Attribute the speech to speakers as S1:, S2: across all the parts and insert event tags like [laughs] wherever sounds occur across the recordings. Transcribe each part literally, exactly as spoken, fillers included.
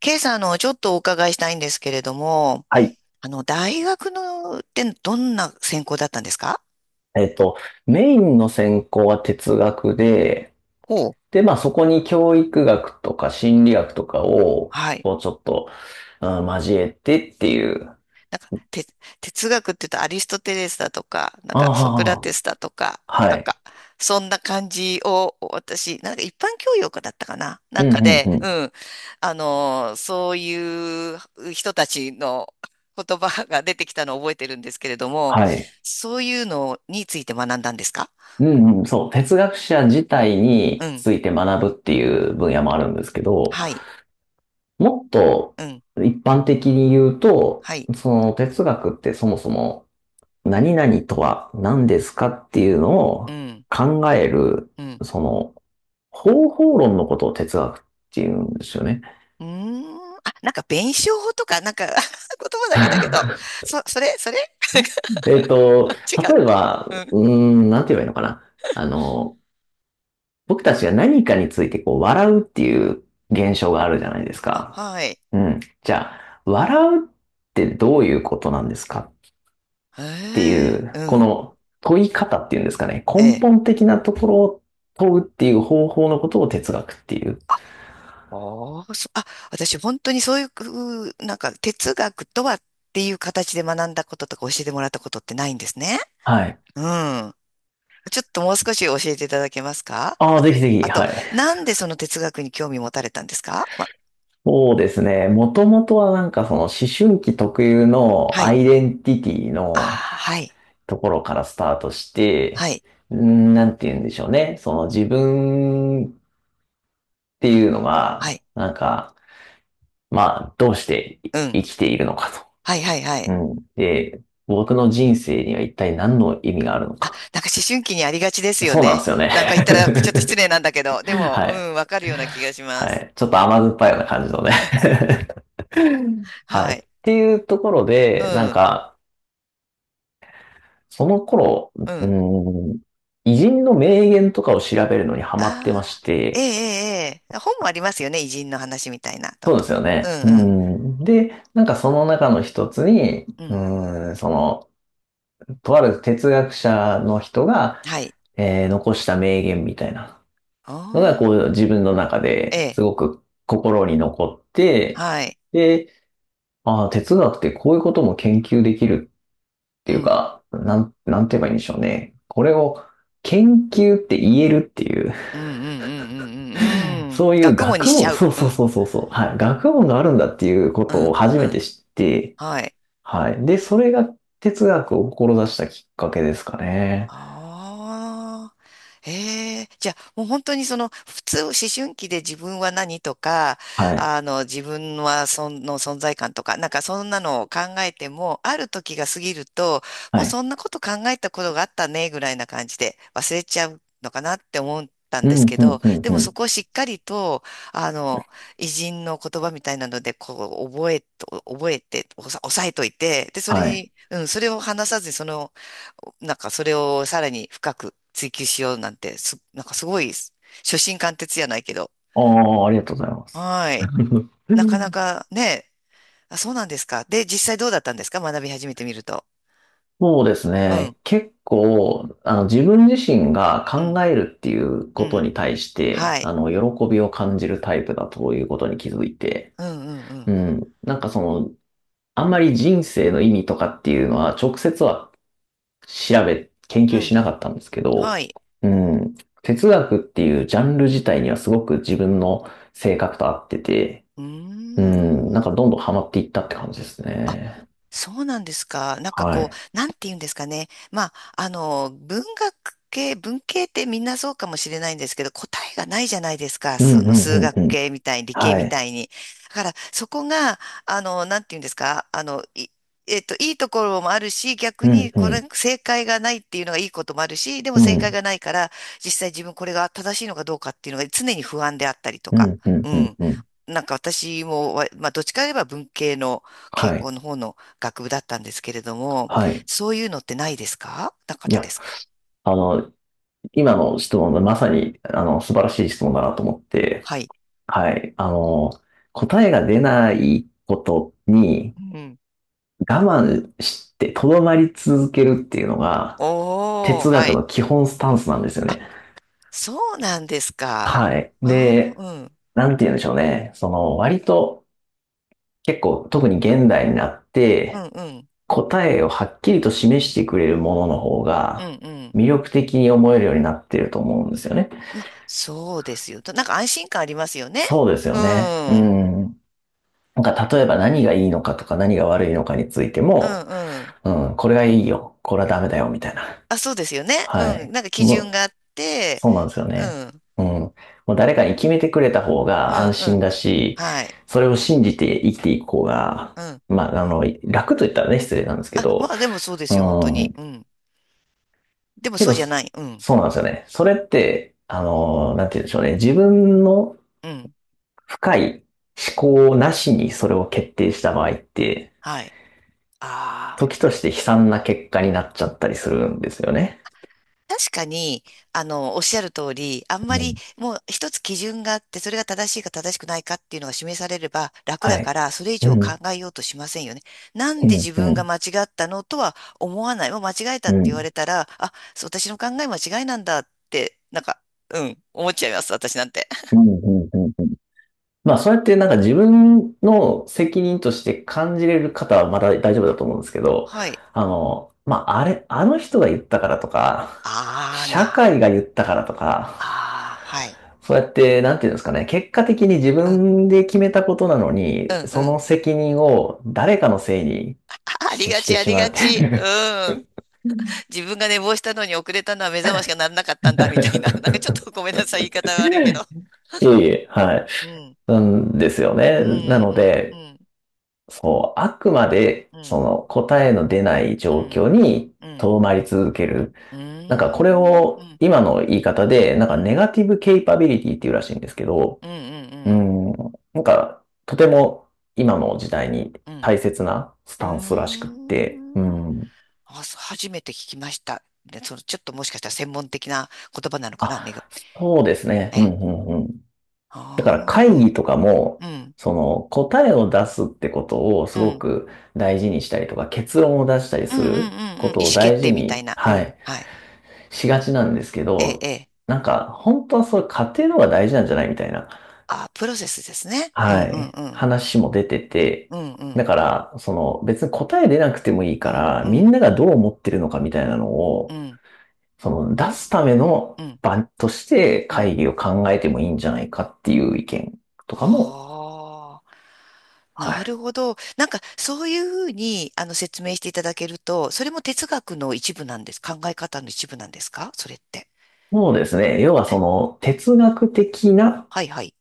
S1: ケイさん、あの、ちょっとお伺いしたいんですけれども、
S2: はい。
S1: あの、大学の、ってどんな専攻だったんですか？
S2: えっと、メインの専攻は哲学で、
S1: ほう。
S2: で、まあそこに教育学とか心理学とかを、
S1: はい。
S2: こうちょっと、うん交えてっていう。
S1: なんか、て、哲学って言うとアリストテレスだとか、なんかソクラ
S2: あ
S1: テスだとか、
S2: あ、は
S1: なん
S2: い。
S1: か、そんな感じを、私、なんか一般教養科だったかな
S2: う
S1: なん
S2: ん
S1: か
S2: うん
S1: で、
S2: う
S1: う
S2: ん。
S1: ん。あの、そういう人たちの言葉が出てきたのを覚えてるんですけれども、
S2: はい。
S1: そういうのについて学んだんですか？
S2: うんうん、そう。哲学者自体
S1: う
S2: に
S1: ん。
S2: ついて学ぶっていう分野もあるんですけど、
S1: はい。
S2: もっと
S1: うん。
S2: 一般的に言うと、
S1: はい。
S2: その哲学ってそもそも何々とは何ですかっていうの
S1: う
S2: を
S1: ん、
S2: 考える、
S1: うん。
S2: その、方法論のことを哲学っていうんですよね。
S1: うーん。あ、なんか弁証法とか、なんか [laughs] 言葉だけだけど、
S2: [laughs]
S1: そ、それ、それ
S2: えっと、
S1: [laughs] 違う。
S2: 例えば、
S1: うん。
S2: うーん、なんて言えばいいのかな。あの、僕たちが何かについてこう笑うっていう現象があるじゃないです
S1: あ、
S2: か。
S1: はい。
S2: うん。じゃあ、笑うってどういうことなんですかっ
S1: へ
S2: てい
S1: え、う
S2: う、こ
S1: ん。
S2: の問い方っていうんですかね。
S1: え
S2: 根
S1: え。
S2: 本的なところを問うっていう方法のことを哲学っていう。
S1: あ、ああ、そ、あ、私本当にそういう、なんか哲学とはっていう形で学んだこととか教えてもらったことってないんですね。
S2: はい。
S1: うん。ちょっともう少し教えていただけますか
S2: あ
S1: あ？
S2: あ、ぜひぜひ、
S1: あと、
S2: はい。
S1: なんでその哲学に興味持たれたんですか？ま、
S2: そうですね。もともとはなんかその思春期特有の
S1: は
S2: ア
S1: い。
S2: イデンティティ
S1: ああ、
S2: の
S1: はい。
S2: ところからスタートし
S1: は
S2: て、
S1: い。
S2: うーんなんて言うんでしょうね。その自分っていうの
S1: は
S2: が、
S1: い。
S2: なんか、まあ、どうして
S1: うん。
S2: 生きているのか
S1: はいはいは
S2: と。う
S1: い。
S2: ん。で、僕の人生には一体何の意味があるのか
S1: なんか思春期にありがちです
S2: と。
S1: よ
S2: そうなん
S1: ね。
S2: ですよね。
S1: なんか言ったらちょっと失礼なんだけど、
S2: [laughs]
S1: でも、
S2: は
S1: う
S2: い。
S1: ん、わかるような気がしま
S2: は
S1: す。
S2: い。ちょっと甘酸っぱいような感じのね。は
S1: は
S2: い。っ
S1: い。
S2: ていうところ
S1: う
S2: で、なん
S1: ん、
S2: か、その頃、
S1: う
S2: う
S1: ん。
S2: ーん、偉人の名言とかを調べるのにハマってま
S1: あ
S2: し
S1: あ、えええ
S2: て、
S1: え、ええ本もありますよね。偉人の話みたいな。と
S2: そうで
S1: とか、
S2: すよ
S1: う
S2: ね。
S1: ん
S2: う
S1: うん、
S2: ん。で、なんかその中の一つに、
S1: うん。
S2: うん、その、とある哲学者の人が、
S1: はい。
S2: えー残した名言みたいなのが、こ
S1: あ
S2: う、自分の中
S1: え
S2: で
S1: え、
S2: すごく心に残って、
S1: はい。
S2: で、ああ、哲学ってこういうことも研究できるって
S1: う
S2: いう
S1: ん、
S2: か、なん、なんて言えばいいんでしょうね。これを研究って言えるっていう、
S1: うん、うん、うん、うん、うん。うん
S2: そういう
S1: 学問に
S2: 学
S1: しち
S2: 問、
S1: ゃう。
S2: そう
S1: う
S2: そう
S1: ん、
S2: そうそうそう、はい、学問があるんだっていうこ
S1: う
S2: とを
S1: ん、
S2: 初
S1: う
S2: め
S1: ん。
S2: て知って、
S1: はい。
S2: はい。で、それが哲学を志したきっかけですかね。
S1: ああ、ええ、じゃあもう本当にその普通思春期で自分は何とか、
S2: はい。
S1: あの自分はその存在感とか、なんかそんなのを考えても、ある時が過ぎると、も
S2: は
S1: うそ
S2: い。
S1: んなこと考えたことがあったねぐらいな感じで忘れちゃうのかなって思ったん
S2: うん、
S1: です
S2: うん、
S1: けど、
S2: うん、
S1: で
S2: う
S1: もそ
S2: ん。
S1: こをしっかりと、あの、偉人の言葉みたいなので、こう覚えと、覚えて、おさ抑えといて、で、それ
S2: はい。
S1: に、うん、それを話さずにその、なんかそれをさらに深く追求しようなんて、す、なんかすごい、初心貫徹じゃないけど。
S2: ああ、ありがとうございます。
S1: はい。なかな
S2: [laughs]
S1: かね、あ、そうなんですか。で、実際どうだったんですか、学び始めてみると。
S2: そうです
S1: うん、
S2: ね。結構、あの、自分自身が
S1: う
S2: 考
S1: ん、
S2: えるっていう
S1: う
S2: こと
S1: ん。
S2: に対して、
S1: はい。
S2: あの、喜びを感じるタイプだということに気づいて、
S1: うん、うん、う
S2: う
S1: ん。
S2: ん。なんかその、あんまり人生の意味とかっていうのは、直接は調べ、研
S1: う
S2: 究し
S1: ん。
S2: なかったんですけ
S1: は
S2: ど、
S1: い。
S2: うん。哲学っていうジャンル自体にはすごく自分の性格と合ってて、
S1: うー
S2: うん。なんかど
S1: ん。
S2: んどんハマっていったって感じです
S1: あ、
S2: ね。
S1: そうなんですか。なんか
S2: は
S1: こ
S2: い。
S1: う、なんて言うんですかね。まあ、あの、文学系、文系ってみんなそうかもしれないんですけど、答えがないじゃないですか。
S2: う
S1: そ
S2: んう
S1: の
S2: んう
S1: 数
S2: ん
S1: 学
S2: うん。
S1: 系みたいに、理系
S2: は
S1: み
S2: い。
S1: たいに。だから、そこが、あの、なんて言うんですか。あの、い、えっと、いいところもあるし、逆
S2: うん
S1: に、こ
S2: う
S1: れ、
S2: ん。
S1: 正解がないっていうのがいいこともあるし、でも
S2: う
S1: 正解
S2: ん。
S1: がないから、実際自分これが正しいのかどうかっていうのが常に不安であったりと
S2: う
S1: か。
S2: ん、うん、
S1: う
S2: うん、
S1: ん。
S2: うん。
S1: なんか私もわ、まあ、どっちかといえば文系の、傾
S2: はい、
S1: 向の方の学部だったんですけれども、
S2: はい。
S1: そういうのってないですか？なかっ
S2: い
S1: たで
S2: や、
S1: すか？
S2: あの、今の質問がまさに、あの、素晴らしい質問だなと思って、
S1: はい。
S2: はい、あの、答えが出ないことに
S1: うん。
S2: 我慢して、とどまり続けるっていうのが、
S1: おー、
S2: 哲
S1: は
S2: 学
S1: い。
S2: の基本スタンスなんですよ
S1: あ、
S2: ね。
S1: そうなんですか。
S2: はい。
S1: ああ、
S2: で、
S1: うん、
S2: なんて言うんでしょうね。その、割と、結構、特に現代になっ
S1: うん、
S2: て、
S1: うん、
S2: 答えをはっきりと示してくれるものの方
S1: うん、
S2: が
S1: うん。
S2: 魅力的に思えるようになっていると思うんですよね。
S1: ま、そうですよ。となんか安心感ありますよね。
S2: そうです
S1: う
S2: よね。う
S1: ん、うん、
S2: ん。なんか例えば何がいいのかとか何が悪いのかについて
S1: う
S2: も、
S1: ん。
S2: うん、これがいいよ、これはダメだよ、みたいな。
S1: あ、そうですよね。
S2: は
S1: うん。
S2: い。
S1: なんか基
S2: も
S1: 準
S2: う、
S1: があって、
S2: そうなんですよ
S1: う
S2: ね。
S1: ん、
S2: うん。もう誰かに決めてくれた方
S1: う
S2: が安
S1: ん、う
S2: 心
S1: ん。
S2: だし、
S1: はい。
S2: それを信じて生きていく方が、
S1: うん。
S2: まあ、あの、楽と言ったらね、失礼なんですけ
S1: あ、
S2: ど、
S1: まあでもそうで
S2: う
S1: すよ、本当に。
S2: ん、
S1: うん。でも
S2: け
S1: そう
S2: ど、
S1: じゃ
S2: そ
S1: ない。うん、
S2: そうなんですよね。それって、あのー、なんて言うんでしょうね。自分の
S1: うん。
S2: 深い思考なしにそれを決定した場合って、
S1: はい。あ
S2: 時
S1: あ。
S2: として悲惨な結果になっちゃったりするんですよね。
S1: 確かに、あの、おっしゃる通り、あんま
S2: う
S1: り
S2: ん、
S1: もう一つ基準があって、それが正しいか正しくないかっていうのが示されれば楽
S2: は
S1: だ
S2: い。
S1: から、それ以
S2: う
S1: 上考
S2: ん、
S1: えようとしませんよね。なん
S2: う
S1: で
S2: ん、うん、
S1: 自
S2: う
S1: 分が
S2: ん、
S1: 間違ったのとは思わない。もう間違えた
S2: う
S1: って言
S2: ん、
S1: われたら、あ、そう私の考え間違いなんだって、なんか、うん、思っちゃいます、私なんて。
S2: う
S1: [laughs]
S2: ん、うん。うんまあ、それってなんか自分の責任として感じれる方はまだ大丈夫だと思うんですけど、
S1: はい。
S2: あの、まあ、あれ、あの人が言ったからとか、
S1: あー
S2: 社
S1: な。
S2: 会が言ったからとか、
S1: あー、はい。
S2: そうやって、なんていうんですかね、結果的に自
S1: うん、
S2: 分で決めたことなの
S1: う
S2: に、
S1: ん、
S2: そ
S1: うん。
S2: の責任を誰かのせいに
S1: ああり
S2: し、
S1: が
S2: し
S1: ち、
S2: て
S1: あ
S2: し
S1: り
S2: ま
S1: が
S2: うってい
S1: ち。う
S2: う。
S1: ん。自分が寝坊したのに遅れたのは目覚ましがな
S2: [laughs]
S1: らなかったんだみたいな。[laughs] なんかちょっとごめんなさい、言い方悪いけど。
S2: いえいえ、はい。
S1: うん。
S2: なんですよ
S1: う
S2: ね。
S1: んう
S2: なの
S1: んう
S2: で、
S1: ん
S2: そう、あくまで、
S1: う
S2: そ
S1: ん
S2: の答えの出ない
S1: う
S2: 状
S1: ん
S2: 況に
S1: うん
S2: 留まり続ける。
S1: う
S2: なんかこれ
S1: んうんう
S2: を
S1: ん
S2: 今の言い方で、なん
S1: うん
S2: か
S1: うん
S2: ネガティブケイパビリティっていうらしいんですけど、
S1: う
S2: う
S1: ん
S2: ん。なんか、とても今の時代に
S1: うん
S2: 大切なスタンスらしくっ
S1: う
S2: て。う
S1: ん、
S2: ん。
S1: あ、そう初めて聞きました。で、そのちょっともしかしたら専門的な言葉なのかな、ね、
S2: あ、そうですね。
S1: え
S2: うん、
S1: え。
S2: うん、うん。だから
S1: あ
S2: 会
S1: あ、うん、
S2: 議とかも、
S1: うん、
S2: その答えを出すってことをす
S1: う
S2: ご
S1: ん、
S2: く大事にしたりとか、結論を出したり
S1: う
S2: す
S1: ん、うん、
S2: る
S1: うん、
S2: こ
S1: うん、意
S2: とを
S1: 思決
S2: 大事
S1: 定みたい
S2: に、
S1: な、う
S2: は
S1: ん、
S2: い、
S1: はい。
S2: しがちなんですけ
S1: ええ、
S2: ど、
S1: ええ。
S2: なんか、本当はそれ過程の方が大事なんじゃないみたいな。
S1: あ、プロセスですね。うん、
S2: は
S1: うん、
S2: い。
S1: うん、
S2: 話も出てて、
S1: うん、う
S2: だ
S1: ん。
S2: から、その別に答え出なくてもいい
S1: う
S2: か
S1: ん、
S2: ら、
S1: う
S2: みん
S1: ん、
S2: ながどう思ってるのかみたいなの
S1: う
S2: を、
S1: ん、
S2: その出すための
S1: うん、
S2: 場として
S1: うん。
S2: 会議を考えてもいいんじゃないかっていう意見とかも、
S1: ああ、
S2: は
S1: なる
S2: い。
S1: ほど。なんか、そういうふうに、あの、説明していただけると、それも哲学の一部なんです。考え方の一部なんですかそれって？
S2: そうですね。要はそ
S1: え
S2: の哲学的な
S1: はいはい。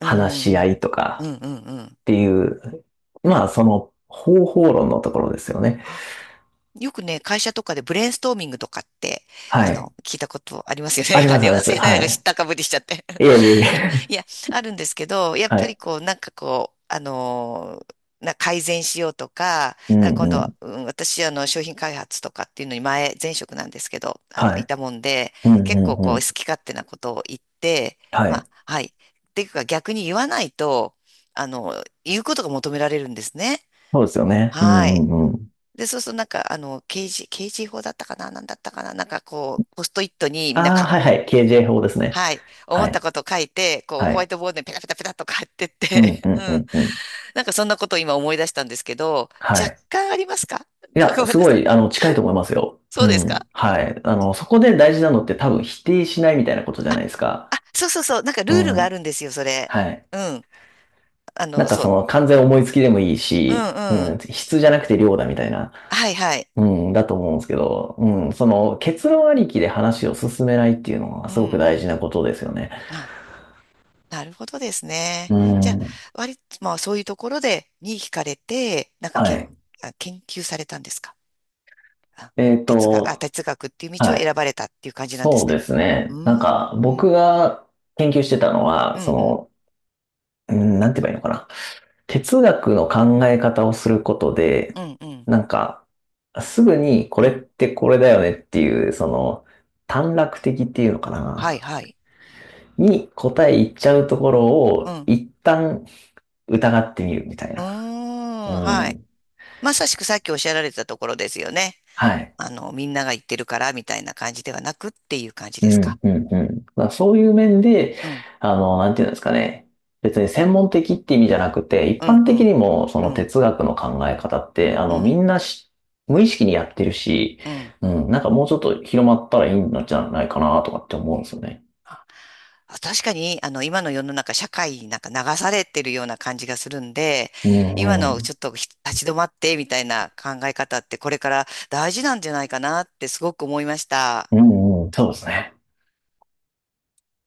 S1: う
S2: 話
S1: ん、
S2: し
S1: う
S2: 合
S1: ん、
S2: いとか
S1: うん、うん、うん。
S2: っていう、まあその方法論のところですよね。
S1: あ、よくね、会社とかでブレインストーミングとかって、あ
S2: はい。
S1: の、聞いたことありますよ
S2: あ
S1: ね。[laughs]
S2: り
S1: あ
S2: ますあ
S1: り
S2: り
S1: ま
S2: ます。
S1: すよね。な
S2: は
S1: んか知っ
S2: い。
S1: たかぶりしちゃって。
S2: いえいえい
S1: いや、[laughs]
S2: え。
S1: いやあるんですけど、
S2: [laughs]
S1: やっ
S2: は
S1: ぱ
S2: い。
S1: りこう、なんかこう、あのーな改善しようとか、
S2: う
S1: なんか今
S2: ん
S1: 度
S2: う
S1: は、
S2: ん。
S1: うん、私、あの、商品開発とかっていうのに前、前職なんですけど、あの、
S2: は
S1: い
S2: い。
S1: たもんで、
S2: うんう
S1: 結構こ
S2: んう
S1: う、好
S2: ん。
S1: き勝手なことを言って、
S2: は
S1: ま
S2: い。
S1: あ、はい。っていうか、逆に言わないと、あの、言うことが求められるんですね。
S2: そうですよね。う
S1: は
S2: ん
S1: い。
S2: うんうん。
S1: で、そうするとなんか、あの、刑事、刑事法だったかな、なんだったかな、なんかこう、ポストイットにみんな
S2: ああ、
S1: か、
S2: はいはい。ケイジェー 法ですね。
S1: はい。思
S2: は
S1: っ
S2: い。
S1: たこと書いて、こう、
S2: は
S1: ホワイ
S2: い。
S1: トボードにペタペタペタっと書いてっ
S2: うん
S1: て、
S2: う
S1: [laughs] う
S2: んう
S1: ん。
S2: んうん。
S1: なんかそんなことを今思い出したんですけど、
S2: は
S1: 若
S2: い。
S1: 干ありますか？
S2: い
S1: [laughs] ご
S2: や、
S1: めん
S2: す
S1: な
S2: ご
S1: さい。
S2: い、あの、近いと思いますよ。
S1: そ
S2: う
S1: うですか
S2: ん。はい。あの、そこで大事なのって多分否定しないみたいなことじゃ
S1: あ？
S2: ないですか。
S1: あ、そうそうそう。なんかル
S2: う
S1: ールがあ
S2: ん。
S1: るんですよ、それ。
S2: はい。
S1: うん。あ
S2: なん
S1: の、
S2: か
S1: そ
S2: そ
S1: う。
S2: の完全思いつきでもいい
S1: うん
S2: し、う
S1: う
S2: ん、
S1: ん。
S2: 質じゃなくて量だみたいな、
S1: はいはい。
S2: うん、だと思うんですけど、うん、その結論ありきで話を進めないっていうのは
S1: う
S2: すごく
S1: ん。
S2: 大事なことですよね。
S1: あ、なるほどですね。
S2: う
S1: じゃあ、
S2: ん。
S1: 割と、まあそういうところで、に惹かれて、なんか
S2: は
S1: 研、
S2: い。
S1: あ研究されたんですか？あ
S2: えっ
S1: 哲学、あ、
S2: と、
S1: 哲学っていう道を
S2: は
S1: 選
S2: い。
S1: ばれたっていう感じなんで
S2: そ
S1: す
S2: う
S1: ね。
S2: です
S1: う
S2: ね。なん
S1: ん。
S2: か、
S1: うん
S2: 僕が研究してたの
S1: う
S2: は、
S1: んう
S2: そ
S1: ん、
S2: の、うんなんて言えばいいのかな。哲学の考え方をすること
S1: う
S2: で、
S1: ん、うん、
S2: なんか、すぐにこ
S1: う
S2: れっ
S1: ん。
S2: てこれだよねっていう、その、短絡的っていうのか
S1: はい、
S2: な。
S1: はい。
S2: に答え言っちゃうところ
S1: うん、
S2: を、
S1: う
S2: 一旦疑ってみるみたい
S1: ー
S2: な。う
S1: ん、はい。
S2: ん。
S1: まさしくさっきおっしゃられてたところですよね。
S2: はい。
S1: あの、みんなが言ってるからみたいな感じではなくっていう感じ
S2: う
S1: ですか？
S2: んうんうん。まあ、そういう面で、
S1: うん、
S2: あの、なんていうんですかね。別に専門的って意味じゃなくて、
S1: う
S2: 一
S1: ん、
S2: 般
S1: う
S2: 的
S1: ん、
S2: にもそ
S1: う
S2: の
S1: ん、
S2: 哲学の考え方って、あ
S1: う
S2: の、
S1: ん、
S2: みんなし無意識にやってるし、
S1: うん。
S2: うん、なんかもうちょっと広まったらいいんじゃないかなとかって思うんですよね。
S1: あ確かに、あの、今の世の中、社会になんか流されてるような感じがするんで、
S2: う
S1: 今
S2: んう
S1: のち
S2: ん。
S1: ょっとひ立ち止まってみたいな考え方って、これから大事なんじゃないかなってすごく思いました。
S2: うんうん、そうですね。